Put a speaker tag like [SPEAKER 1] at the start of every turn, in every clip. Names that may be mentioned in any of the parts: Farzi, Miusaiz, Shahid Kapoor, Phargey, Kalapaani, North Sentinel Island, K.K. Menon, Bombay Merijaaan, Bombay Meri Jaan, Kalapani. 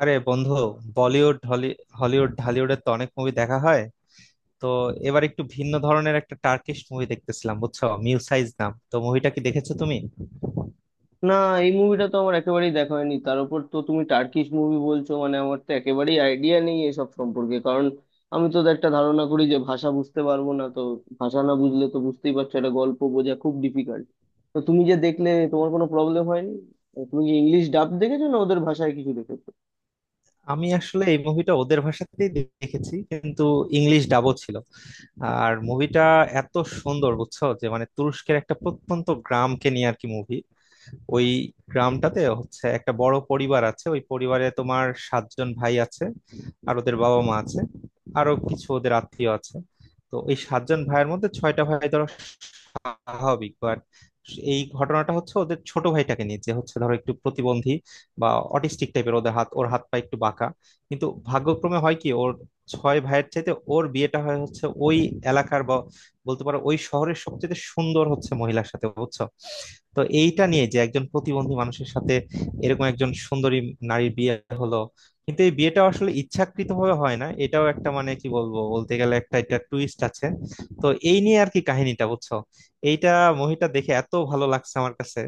[SPEAKER 1] আরে বন্ধু, বলিউড হলিউড ঢালিউডের তো অনেক মুভি দেখা হয়। তো এবার একটু ভিন্ন ধরনের একটা টার্কিশ মুভি দেখতেছিলাম, বুঝছো, মিউসাইজ নাম। তো মুভিটা কি দেখেছো তুমি?
[SPEAKER 2] না, এই মুভিটা তো আমার একেবারেই দেখা হয়নি। তার উপর তো তুমি টার্কিশ মুভি বলছো, মানে আমার তো একেবারেই আইডিয়া নেই এসব সম্পর্কে। কারণ আমি তো একটা ধারণা করি যে ভাষা বুঝতে পারবো না, তো ভাষা না বুঝলে তো বুঝতেই পারছো একটা গল্প বোঝা খুব ডিফিকাল্ট। তো তুমি যে দেখলে তোমার কোনো প্রবলেম হয়নি? তুমি কি ইংলিশ ডাব দেখেছো না ওদের ভাষায় কিছু দেখেছো?
[SPEAKER 1] আমি আসলে এই মুভিটা ওদের ভাষাতেই দেখেছি, কিন্তু ইংলিশ ডাবও ছিল। আর মুভিটা এত সুন্দর, বুঝছো, যে মানে তুরস্কের একটা প্রত্যন্ত গ্রামকে নিয়ে আর কি মুভি। ওই গ্রামটাতে হচ্ছে একটা বড় পরিবার আছে, ওই পরিবারে তোমার সাতজন ভাই আছে, আর ওদের বাবা মা আছে, আরো কিছু ওদের আত্মীয় আছে। তো এই সাতজন ভাইয়ের মধ্যে ছয়টা ভাই ধরো স্বাভাবিক, বাট এই ঘটনাটা হচ্ছে ওদের ছোট ভাইটাকে নিয়ে, যে হচ্ছে ধরো একটু প্রতিবন্ধী বা অটিস্টিক টাইপের, ওদের হাত ওর হাত পা একটু বাঁকা। কিন্তু ভাগ্যক্রমে হয় কি, ওর ছয় ভাইয়ের চাইতে ওর বিয়েটা হয় হচ্ছে ওই এলাকার বা বলতে পারো ওই শহরের সবচেয়ে সুন্দর হচ্ছে মহিলার সাথে, বুঝছো। তো এইটা নিয়ে যে একজন প্রতিবন্ধী মানুষের সাথে এরকম একজন সুন্দরী নারীর বিয়ে হলো, কিন্তু এই বিয়েটা আসলে ইচ্ছাকৃতভাবে হয় না, এটাও একটা, মানে কি বলবো, বলতে গেলে একটা এটা টুইস্ট আছে। তো এই নিয়ে আর কি কাহিনীটা বুঝছো। এইটা মুভিটা দেখে এত ভালো লাগছে আমার কাছে।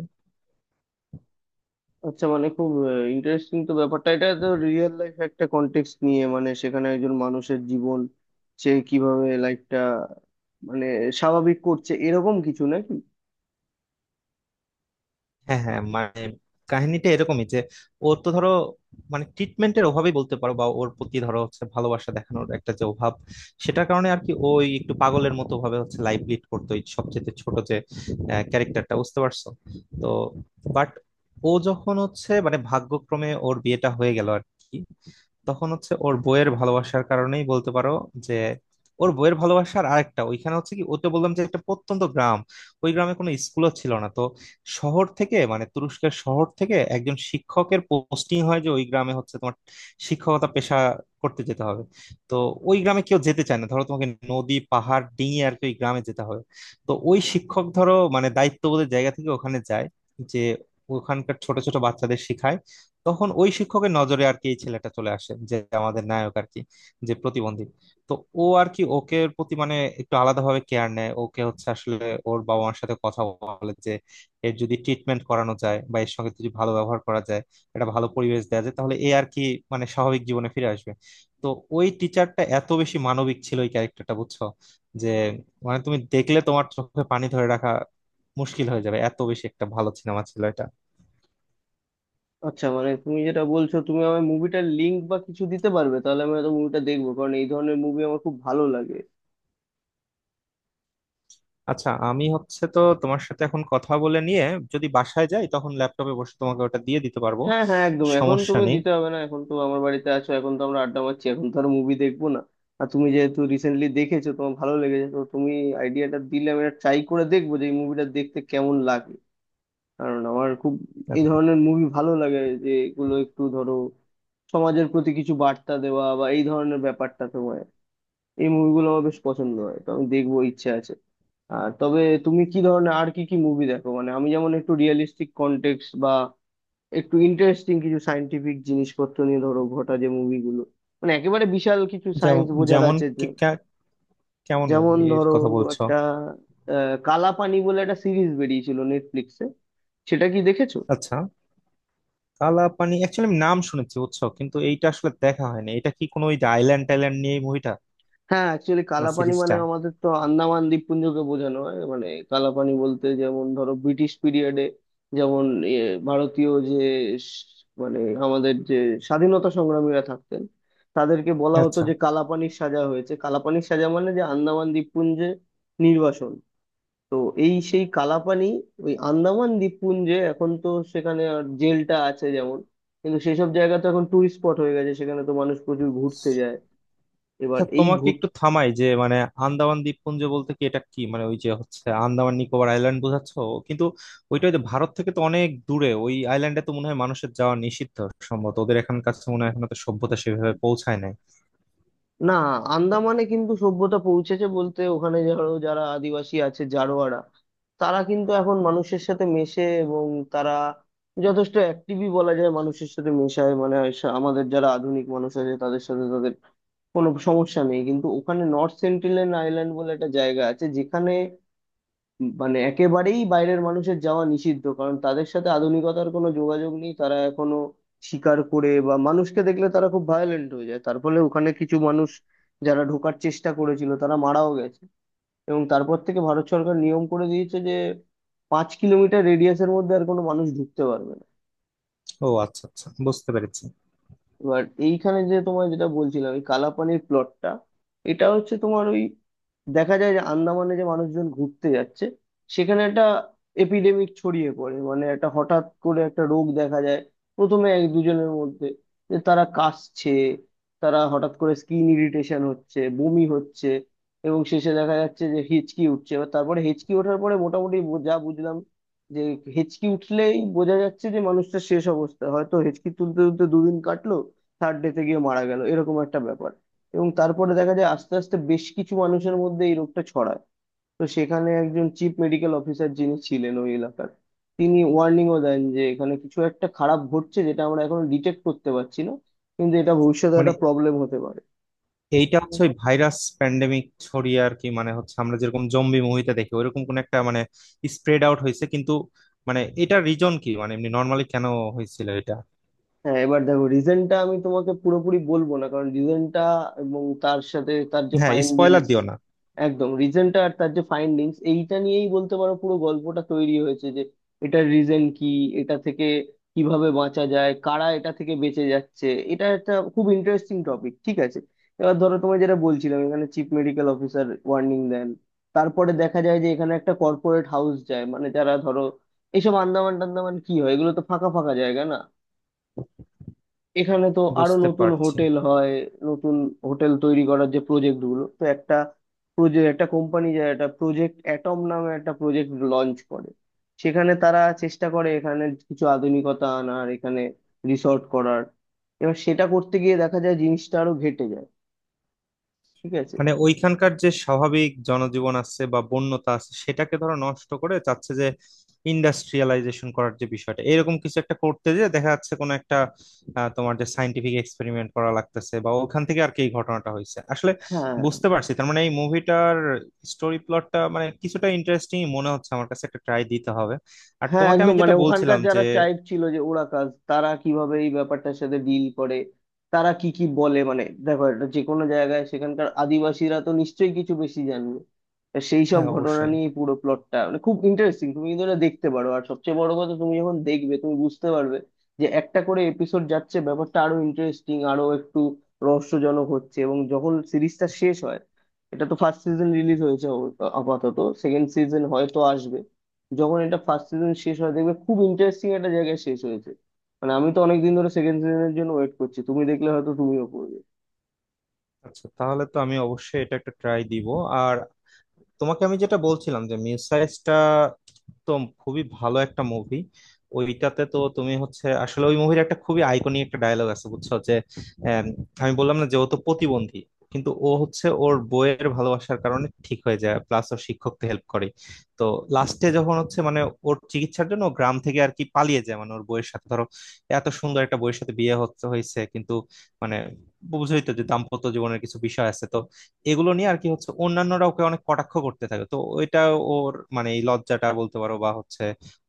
[SPEAKER 2] আচ্ছা, মানে খুব ইন্টারেস্টিং তো ব্যাপারটা। এটা তো রিয়েল লাইফ একটা কন্টেক্সট নিয়ে, মানে সেখানে একজন মানুষের জীবন সে কিভাবে লাইফটা মানে স্বাভাবিক করছে, এরকম কিছু নাকি?
[SPEAKER 1] হ্যাঁ হ্যাঁ, মানে কাহিনীটা এরকমই যে ওর তো ধরো মানে ট্রিটমেন্টের অভাবই বলতে পারো, বা ওর প্রতি ধরো হচ্ছে ভালোবাসা দেখানোর একটা যে অভাব, সেটার কারণে আর কি ওই একটু পাগলের মতো ভাবে হচ্ছে লাইফ লিড করতো ওই সবচেয়ে ছোট যে ক্যারেক্টারটা, বুঝতে পারছো। তো বাট ও যখন হচ্ছে মানে ভাগ্যক্রমে ওর বিয়েটা হয়ে গেল আর কি, তখন হচ্ছে ওর বইয়ের ভালোবাসার কারণেই বলতে পারো যে ওর বইয়ের ভালোবাসার আরেকটা ওইখানে হচ্ছে কি, ওতে বললাম যে একটা প্রত্যন্ত গ্রাম, ওই গ্রামে কোনো স্কুলও ছিল না। তো শহর থেকে মানে তুরস্কের শহর থেকে একজন শিক্ষকের পোস্টিং হয় যে ওই গ্রামে হচ্ছে তোমার শিক্ষকতা পেশা করতে যেতে হবে। তো ওই গ্রামে কেউ যেতে চায় না, ধরো তোমাকে নদী পাহাড় ডিঙিয়ে আর কি ওই গ্রামে যেতে হবে। তো ওই শিক্ষক ধরো মানে দায়িত্ববোধের জায়গা থেকে ওখানে যায়, যে ওখানকার ছোট ছোট বাচ্চাদের শেখায়। তখন ওই শিক্ষকের নজরে আর কি এই ছেলেটা চলে আসে, যে আমাদের নায়ক আর কি, যে প্রতিবন্ধী। তো ও আর কি ওকে প্রতি মানে একটু আলাদাভাবে কেয়ার নেয়, ওকে হচ্ছে আসলে ওর বাবা মার সাথে কথা বলে যে এর যদি ট্রিটমেন্ট করানো যায় বা এর সঙ্গে যদি ভালো ব্যবহার করা যায়, একটা ভালো পরিবেশ দেওয়া যায়, তাহলে এ আর কি মানে স্বাভাবিক জীবনে ফিরে আসবে। তো ওই টিচারটা এত বেশি মানবিক ছিল ওই ক্যারেক্টারটা, বুঝছো, যে মানে তুমি দেখলে তোমার চোখে পানি ধরে রাখা মুশকিল হয়ে যাবে, এত বেশি একটা ভালো সিনেমা ছিল এটা।
[SPEAKER 2] আচ্ছা, মানে তুমি যেটা বলছো, তুমি আমার মুভিটার লিঙ্ক বা কিছু দিতে পারবে? তাহলে আমি হয়তো মুভিটা দেখবো, কারণ এই ধরনের মুভি আমার খুব ভালো লাগে।
[SPEAKER 1] আচ্ছা, আমি হচ্ছে তো তোমার সাথে এখন কথা বলে নিয়ে যদি বাসায় যাই, তখন ল্যাপটপে বসে তোমাকে ওটা দিয়ে দিতে পারবো।
[SPEAKER 2] হ্যাঁ, হ্যাঁ, একদম। এখন
[SPEAKER 1] সমস্যা
[SPEAKER 2] তুমি
[SPEAKER 1] নেই।
[SPEAKER 2] দিতে হবে না, এখন তো আমার বাড়িতে আছো, এখন তো আমরা আড্ডা মারছি, এখন তো আর মুভি দেখবো না। আর তুমি যেহেতু রিসেন্টলি দেখেছো, তোমার ভালো লেগেছে, তো তুমি আইডিয়াটা দিলে আমি এটা ট্রাই করে দেখবো যে এই মুভিটা দেখতে কেমন লাগে। কারণ আমার খুব এই ধরনের মুভি ভালো লাগে, যে এগুলো একটু ধরো সমাজের প্রতি কিছু বার্তা দেওয়া বা এই ধরনের ব্যাপারটা, তোমার এই মুভিগুলো আমার বেশ পছন্দ হয়, তো আমি দেখবো ইচ্ছে আছে। আর তবে তুমি কি ধরনের আর কি কি মুভি দেখো? মানে আমি যেমন একটু রিয়েলিস্টিক কন্টেক্সট বা একটু ইন্টারেস্টিং কিছু সায়েন্টিফিক জিনিসপত্র নিয়ে ধরো ঘটা যে মুভিগুলো, মানে একেবারে বিশাল কিছু
[SPEAKER 1] যেমন
[SPEAKER 2] সায়েন্স বোঝার
[SPEAKER 1] যেমন
[SPEAKER 2] আছে
[SPEAKER 1] কেমন
[SPEAKER 2] যেমন
[SPEAKER 1] মুভির
[SPEAKER 2] ধরো
[SPEAKER 1] কথা বলছো?
[SPEAKER 2] একটা কালাপানি বলে একটা সিরিজ বেরিয়েছিল নেটফ্লিক্সে, সেটা কি দেখেছো?
[SPEAKER 1] আচ্ছা, কালাপানি অ্যাকচুয়ালি আমি নাম শুনেছি, বুঝছো, কিন্তু এইটা আসলে দেখা হয়নি। এটা কি কোনো ওই আইল্যান্ড টাইল্যান্ড নিয়ে মুভিটা?
[SPEAKER 2] হ্যাঁ, অ্যাকচুয়ালি
[SPEAKER 1] না,
[SPEAKER 2] কালাপানি মানে
[SPEAKER 1] সিরিজটা?
[SPEAKER 2] আমাদের তো আন্দামান দ্বীপপুঞ্জকে বোঝানো হয়। মানে কালাপানি বলতে যেমন ধরো ব্রিটিশ পিরিয়ডে, যেমন ইয়ে, ভারতীয় যে মানে আমাদের যে স্বাধীনতা সংগ্রামীরা থাকতেন, তাদেরকে বলা হতো
[SPEAKER 1] আচ্ছা
[SPEAKER 2] যে কালাপানির সাজা হয়েছে। কালাপানির সাজা মানে যে আন্দামান দ্বীপপুঞ্জে নির্বাসন। তো এই সেই কালাপানি, ওই আন্দামান দ্বীপপুঞ্জে। এখন তো সেখানে আর জেলটা আছে যেমন, কিন্তু সেসব জায়গা তো এখন টুরিস্ট স্পট হয়ে গেছে, সেখানে তো মানুষ প্রচুর ঘুরতে যায়। এবার
[SPEAKER 1] আচ্ছা,
[SPEAKER 2] এই
[SPEAKER 1] তোমাকে একটু থামাই যে মানে আন্দামান দ্বীপপুঞ্জ বলতে কি, এটা কি মানে ওই যে হচ্ছে আন্দামান নিকোবর আইল্যান্ড বোঝাচ্ছ? কিন্তু ওইটা ওই যে ভারত থেকে তো অনেক দূরে, ওই আইল্যান্ডে তো মনে হয় মানুষের যাওয়া নিষিদ্ধ সম্ভবত, ওদের এখানকার কাছে মনে হয় এখনো তো সভ্যতা সেভাবে পৌঁছায় নাই।
[SPEAKER 2] না, আন্দামানে কিন্তু সভ্যতা পৌঁছেছে। বলতে ওখানে ধরো যারা আদিবাসী আছে জারোয়ারা, তারা কিন্তু এখন মানুষের সাথে মেশে, এবং তারা যথেষ্ট অ্যাক্টিভই বলা যায়, মানুষের সাথে মেশায়। মানে আমাদের যারা আধুনিক মানুষ আছে তাদের সাথে তাদের কোনো সমস্যা নেই। কিন্তু ওখানে নর্থ সেন্টিনেল আইল্যান্ড বলে একটা জায়গা আছে, যেখানে মানে একেবারেই বাইরের মানুষের যাওয়া নিষিদ্ধ, কারণ তাদের সাথে আধুনিকতার কোনো যোগাযোগ নেই। তারা এখনো শিকার করে, বা মানুষকে দেখলে তারা খুব ভায়োলেন্ট হয়ে যায়, তার ফলে ওখানে কিছু মানুষ যারা ঢোকার চেষ্টা করেছিল তারা মারাও গেছে। এবং তারপর থেকে ভারত সরকার নিয়ম করে দিয়েছে যে 5 কিলোমিটার রেডিয়াসের মধ্যে আর কোনো মানুষ ঢুকতে পারবে না।
[SPEAKER 1] ও আচ্ছা আচ্ছা, বুঝতে পেরেছি।
[SPEAKER 2] এবার এইখানে যে তোমায় যেটা বলছিলাম এই কালাপানির প্লটটা, এটা হচ্ছে তোমার ওই, দেখা যায় যে আন্দামানে যে মানুষজন ঘুরতে যাচ্ছে সেখানে একটা এপিডেমিক ছড়িয়ে পড়ে। মানে একটা হঠাৎ করে একটা রোগ দেখা যায় প্রথমে এক দুজনের মধ্যে, যে তারা কাশছে, তারা হঠাৎ করে স্কিন ইরিটেশন হচ্ছে, বমি হচ্ছে, এবং শেষে দেখা যাচ্ছে যে হেঁচকি উঠছে। এবার তারপরে হেঁচকি ওঠার পরে মোটামুটি যা বুঝলাম, যে হেঁচকি উঠলেই বোঝা যাচ্ছে যে মানুষটা শেষ অবস্থা। হয়তো হেঁচকি তুলতে তুলতে দুদিন কাটলো, থার্ড ডেতে গিয়ে মারা গেল, এরকম একটা ব্যাপার। এবং তারপরে দেখা যায় আস্তে আস্তে বেশ কিছু মানুষের মধ্যে এই রোগটা ছড়ায়। তো সেখানে একজন চিফ মেডিকেল অফিসার যিনি ছিলেন ওই এলাকার, তিনি ওয়ার্নিংও দেন যে এখানে কিছু একটা খারাপ ঘটছে, যেটা আমরা এখনো ডিটেক্ট করতে পারছি না, কিন্তু এটা ভবিষ্যতে
[SPEAKER 1] মানে
[SPEAKER 2] একটা প্রবলেম হতে পারে।
[SPEAKER 1] এইটা হচ্ছে ওই ভাইরাস প্যান্ডেমিক ছড়িয়ে আর কি, মানে হচ্ছে আমরা যেরকম জম্বি মুভিতে দেখি ওইরকম কোন একটা মানে স্প্রেড আউট হয়েছে, কিন্তু মানে এটা রিজন কি, মানে এমনি নর্মালি কেন হয়েছিল এটা?
[SPEAKER 2] হ্যাঁ, এবার দেখো রিজনটা আমি তোমাকে পুরোপুরি বলবো না, কারণ রিজনটা এবং তার সাথে তার যে
[SPEAKER 1] হ্যাঁ, স্পয়লার
[SPEAKER 2] ফাইন্ডিংস,
[SPEAKER 1] দিও না।
[SPEAKER 2] একদম রিজনটা আর তার যে ফাইন্ডিংস এইটা নিয়েই বলতে পারো পুরো গল্পটা তৈরি হয়েছে, যে এটার রিজন কি, এটা থেকে কিভাবে বাঁচা যায়, কারা এটা থেকে বেঁচে যাচ্ছে। এটা একটা খুব ইন্টারেস্টিং টপিক, ঠিক আছে। এবার ধরো তোমায় যেটা বলছিলাম, এখানে চিফ মেডিকেল অফিসার ওয়ার্নিং দেন, তারপরে দেখা যায় যে এখানে একটা কর্পোরেট হাউস যায়, মানে যারা ধরো এইসব আন্দামান টান্দামান কি হয় এগুলো তো ফাঁকা ফাঁকা জায়গা না, এখানে তো আরো
[SPEAKER 1] বুঝতে
[SPEAKER 2] নতুন
[SPEAKER 1] পারছি,
[SPEAKER 2] হোটেল হয়, নতুন হোটেল তৈরি করার যে প্রজেক্ট গুলো। তো একটা প্রজেক্ট, একটা কোম্পানি যায়, একটা প্রজেক্ট অ্যাটম নামে একটা প্রজেক্ট লঞ্চ করে। সেখানে তারা চেষ্টা করে এখানে কিছু আধুনিকতা আনার, এখানে রিসর্ট করার। এবার সেটা করতে গিয়ে দেখা যায় জিনিসটা আরো ঘেটে যায়, ঠিক আছে।
[SPEAKER 1] মানে ওইখানকার যে স্বাভাবিক জনজীবন আছে বা বন্যতা আছে সেটাকে ধরো নষ্ট করে চাচ্ছে যে ইন্ডাস্ট্রিয়ালাইজেশন করার যে বিষয়টা, এরকম কিছু একটা করতে যে দেখা যাচ্ছে কোনো একটা, তোমার যে সাইন্টিফিক এক্সপেরিমেন্ট করা লাগতেছে বা ওখান থেকে আর কি এই ঘটনাটা হয়েছে আসলে।
[SPEAKER 2] হ্যাঁ,
[SPEAKER 1] বুঝতে পারছি, তার মানে এই মুভিটার স্টোরি প্লটটা মানে কিছুটা ইন্টারেস্টিং মনে হচ্ছে আমার কাছে, একটা ট্রাই দিতে হবে। আর
[SPEAKER 2] হ্যাঁ,
[SPEAKER 1] তোমাকে
[SPEAKER 2] একদম।
[SPEAKER 1] আমি যেটা
[SPEAKER 2] মানে ওখানকার
[SPEAKER 1] বলছিলাম যে
[SPEAKER 2] যারা ট্রাইব ছিল যে ওরাকাজ, তারা কিভাবে এই ব্যাপারটার সাথে ডিল করে, তারা কি কি বলে, মানে দেখো এটা যে কোনো জায়গায় সেখানকার আদিবাসীরা তো নিশ্চয়ই কিছু বেশি জানবে। তা সেই সব
[SPEAKER 1] হ্যাঁ
[SPEAKER 2] ঘটনা
[SPEAKER 1] অবশ্যই।
[SPEAKER 2] নিয়ে এই পুরো প্লটটা মানে খুব ইন্টারেস্টিং, তুমি কিন্তু এটা দেখতে পারো। আর সবচেয়ে বড় কথা, তুমি যখন দেখবে তুমি বুঝতে পারবে যে একটা করে এপিসোড যাচ্ছে ব্যাপারটা আরো ইন্টারেস্টিং, আরো একটু রহস্যজনক হচ্ছে। এবং যখন সিরিজটা শেষ হয়, এটা তো ফার্স্ট সিজন রিলিজ হয়েছে আপাতত, সেকেন্ড সিজন হয়তো আসবে। যখন এটা ফার্স্ট সিজন শেষ হয় দেখবে খুব ইন্টারেস্টিং একটা জায়গায় শেষ হয়েছে। মানে আমি তো অনেকদিন ধরে সেকেন্ড সিজনের জন্য ওয়েট করছি, তুমি দেখলে হয়তো তুমিও পড়বে।
[SPEAKER 1] আচ্ছা, তাহলে তো আমি অবশ্যই এটা একটা ট্রাই দিব। আর তোমাকে আমি যেটা বলছিলাম যে মিউসাইজটা তো খুবই ভালো একটা মুভি। ওইটাতে তো তুমি হচ্ছে আসলে ওই মুভির একটা খুবই আইকনিক একটা ডায়লগ আছে, বুঝছো, যে আম, আমি বললাম না যে ও তো প্রতিবন্ধী, কিন্তু ও হচ্ছে ওর বইয়ের ভালোবাসার কারণে ঠিক হয়ে যায় প্লাস ও শিক্ষককে হেল্প করে। তো লাস্টে যখন হচ্ছে মানে ওর চিকিৎসার জন্য ও গ্রাম থেকে আর কি পালিয়ে যায়, মানে ওর বইয়ের সাথে ধরো এত সুন্দর একটা বইয়ের সাথে বিয়ে হচ্ছে হয়েছে, কিন্তু মানে বুঝই তো যে দাম্পত্য জীবনের কিছু বিষয় আছে। তো এগুলো নিয়ে আর কি হচ্ছে অন্যান্যরা ওকে অনেক কটাক্ষ করতে থাকে। তো এটা ওর মানে এই লজ্জাটা বলতে পারো বা হচ্ছে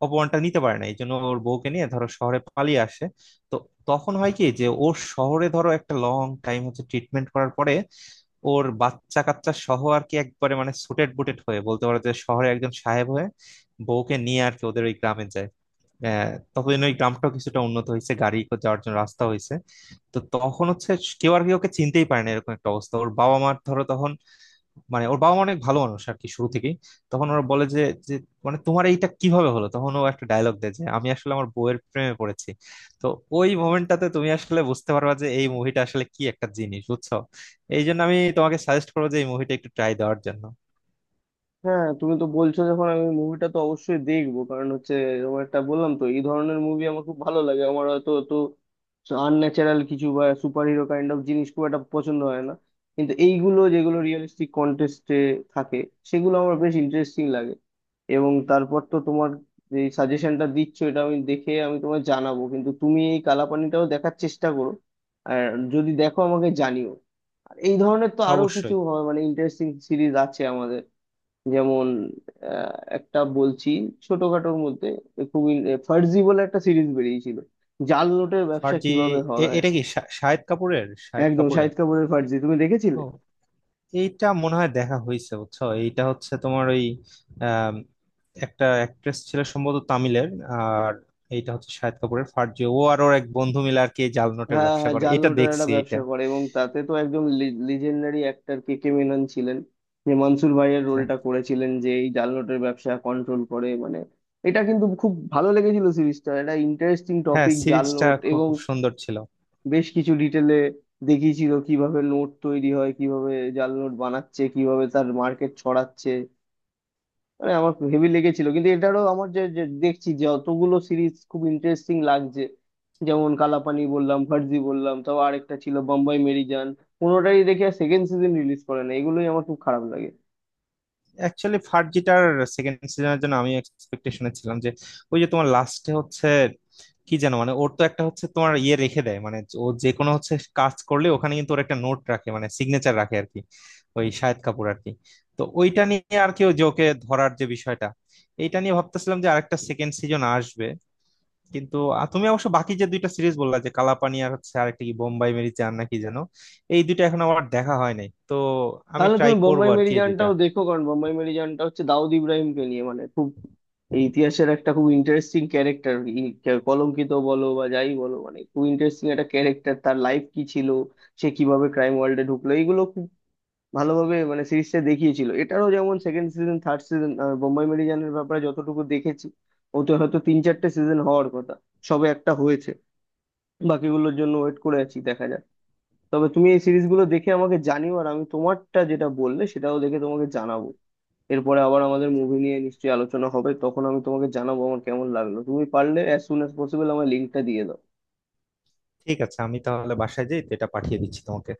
[SPEAKER 1] অপমানটা নিতে পারে না, এই জন্য ওর বউকে নিয়ে ধরো শহরে পালিয়ে আসে। তো তখন হয় কি যে ওর শহরে ধরো একটা লং টাইম হচ্ছে ট্রিটমেন্ট করার পরে ওর বাচ্চা কাচ্চা সহ আর কি একবারে মানে সুটেড বুটেড হয়ে বলতে পারো যে শহরে একজন সাহেব হয়ে বউকে নিয়ে আর কি ওদের ওই গ্রামে যায়। ততদিন ওই গ্রামটাও কিছুটা উন্নত হয়েছে, গাড়ি যাওয়ার জন্য রাস্তা হয়েছে। তো তখন হচ্ছে কেউ আর কি ওকে চিনতেই পারে না, এরকম একটা অবস্থা। ওর বাবা মার ধরো তখন, মানে ওর বাবা মা অনেক ভালো মানুষ আর কি শুরু থেকেই, তখন ওরা বলে যে, যে মানে তোমার এইটা কিভাবে হলো, তখন ও একটা ডায়লগ দেয় যে আমি আসলে আমার বউয়ের প্রেমে পড়েছি। তো ওই মোমেন্টটাতে তুমি আসলে বুঝতে পারবা যে এই মুভিটা আসলে কি একটা জিনিস, বুঝছো। এই জন্য আমি তোমাকে সাজেস্ট করবো যে এই মুভিটা একটু ট্রাই দেওয়ার জন্য।
[SPEAKER 2] হ্যাঁ, তুমি তো বলছো যখন, আমি মুভিটা তো অবশ্যই দেখবো, কারণ হচ্ছে এরকম একটা, বললাম তো এই ধরনের মুভি আমার খুব ভালো লাগে। আমার হয়তো তো আনন্যাচারাল কিছু বা সুপার হিরো কাইন্ড অফ জিনিস খুব একটা পছন্দ হয় না, কিন্তু এইগুলো যেগুলো রিয়েলিস্টিক কন্টেস্টে থাকে সেগুলো আমার বেশ ইন্টারেস্টিং লাগে। এবং তারপর তো তোমার যে সাজেশনটা দিচ্ছ এটা আমি দেখে আমি তোমায় জানাবো, কিন্তু তুমি এই কালাপানিটাও দেখার চেষ্টা করো আর যদি দেখো আমাকে জানিও। আর এই ধরনের তো আরো কিছু
[SPEAKER 1] অবশ্যই।
[SPEAKER 2] হয় মানে ইন্টারেস্টিং সিরিজ আছে, যেমন একটা বলছি, ছোটখাটোর মধ্যে খুবই, ফার্জি বলে একটা সিরিজ বেরিয়েছিল, জাল নোটের ব্যবসা
[SPEAKER 1] ফার্জি?
[SPEAKER 2] কিভাবে হয়।
[SPEAKER 1] এটা কি শাহিদ কাপুরের শাহিদ
[SPEAKER 2] একদম,
[SPEAKER 1] কাপুরের
[SPEAKER 2] শাহিদ কাপুরের ফার্জি তুমি দেখেছিলে।
[SPEAKER 1] এইটা মনে হয় দেখা হয়েছে, বুঝছো, এইটা হচ্ছে তোমার ওই আম, একটা অ্যাক্ট্রেস ছিল সম্ভবত তামিলের। আর এইটা হচ্ছে শাহিদ কাপুরের ফার্জি, ও আর ওর এক বন্ধু মিলে আর কি এই জাল নোটের
[SPEAKER 2] হ্যাঁ,
[SPEAKER 1] ব্যবসা
[SPEAKER 2] হ্যাঁ,
[SPEAKER 1] করে।
[SPEAKER 2] জাল
[SPEAKER 1] এটা
[SPEAKER 2] নোটের একটা
[SPEAKER 1] দেখছি এটা।
[SPEAKER 2] ব্যবসা করে, এবং তাতে তো একদম লিজেন্ডারি অ্যাক্টর কে কে মেনন ছিলেন, যে মনসুর ভাইয়ের রোলটা করেছিলেন, যে এই জাল নোটের ব্যবসা কন্ট্রোল করে। মানে এটা কিন্তু খুব ভালো লেগেছিল সিরিজটা, এটা ইন্টারেস্টিং
[SPEAKER 1] হ্যাঁ
[SPEAKER 2] টপিক জাল
[SPEAKER 1] সিরিজটা
[SPEAKER 2] নোট।
[SPEAKER 1] খুব
[SPEAKER 2] এবং
[SPEAKER 1] সুন্দর ছিল।
[SPEAKER 2] বেশ কিছু ডিটেলে দেখিয়েছিল কিভাবে নোট তৈরি হয়, কিভাবে জাল নোট বানাচ্ছে, কিভাবে তার মার্কেট ছড়াচ্ছে, মানে আমার হেভি লেগেছিল। কিন্তু এটারও আমার যে, যে দেখছি যে অতগুলো সিরিজ খুব ইন্টারেস্টিং লাগছে, যেমন কালাপানি বললাম, ফার্জি বললাম, তাও আরেকটা ছিল বম্বাই মেরিজান, কোনোটাই দেখে সেকেন্ড সিজন রিলিজ করে না, এগুলোই আমার খুব খারাপ লাগে।
[SPEAKER 1] অ্যাকচুয়ালি ফার্জিটার সেকেন্ড সিজনের জন্য আমি এক্সপেকটেশনে ছিলাম যে ওই যে তোমার লাস্টে হচ্ছে কি যেন, মানে ওর তো একটা হচ্ছে তোমার ইয়ে রেখে দেয়, মানে ও যে কোনো হচ্ছে কাজ করলে ওখানে কিন্তু ওর একটা নোট রাখে, মানে সিগনেচার রাখে আর কি, ওই শাহিদ কাপুর আর কি। তো ওইটা নিয়ে আর কি ওই যে ওকে ধরার যে বিষয়টা, এইটা নিয়ে ভাবতেছিলাম যে আরেকটা সেকেন্ড সিজন আসবে। কিন্তু তুমি অবশ্য বাকি যে দুইটা সিরিজ বললা যে কালাপানি আর হচ্ছে আরেকটা কি বোম্বাই মেরি জান নাকি যেন, এই দুইটা এখন আমার দেখা হয় নাই। তো আমি
[SPEAKER 2] তাহলে
[SPEAKER 1] ট্রাই
[SPEAKER 2] তুমি
[SPEAKER 1] করবো
[SPEAKER 2] বোম্বাই
[SPEAKER 1] আর কি এই দুইটা।
[SPEAKER 2] মেরিজানটাও দেখো, কারণ বোম্বাই মেরিজানটা হচ্ছে দাউদ ইব্রাহিমকে নিয়ে, মানে খুব এই ইতিহাসের একটা খুব ইন্টারেস্টিং ক্যারেক্টার, কলঙ্কিত বলো বা যাই বলো, মানে খুব ইন্টারেস্টিং একটা ক্যারেক্টার, তার লাইফ কি ছিল, সে কিভাবে ক্রাইম ওয়ার্ল্ডে ঢুকলো, এইগুলো খুব ভালোভাবে মানে সিরিজটা দেখিয়েছিল। এটারও যেমন second season, third season, Bombay মেরিজানের ব্যাপারে যতটুকু দেখেছি ওতে হয়তো তিন চারটে সিজন হওয়ার কথা, সবে একটা হয়েছে, বাকিগুলোর জন্য ওয়েট করে আছি, দেখা যাক। তবে তুমি এই সিরিজগুলো দেখে আমাকে জানিও আর আমি তোমারটা যেটা বললে সেটাও দেখে তোমাকে জানাবো। এরপরে আবার আমাদের মুভি নিয়ে নিশ্চয়ই আলোচনা হবে, তখন আমি তোমাকে জানাবো আমার কেমন লাগলো। তুমি পারলে অ্যাজ সুন অ্যাজ পসিবল আমার লিঙ্কটা দিয়ে দাও।
[SPEAKER 1] ঠিক আছে, আমি তাহলে বাসায় যাই, তো এটা পাঠিয়ে দিচ্ছি তোমাকে।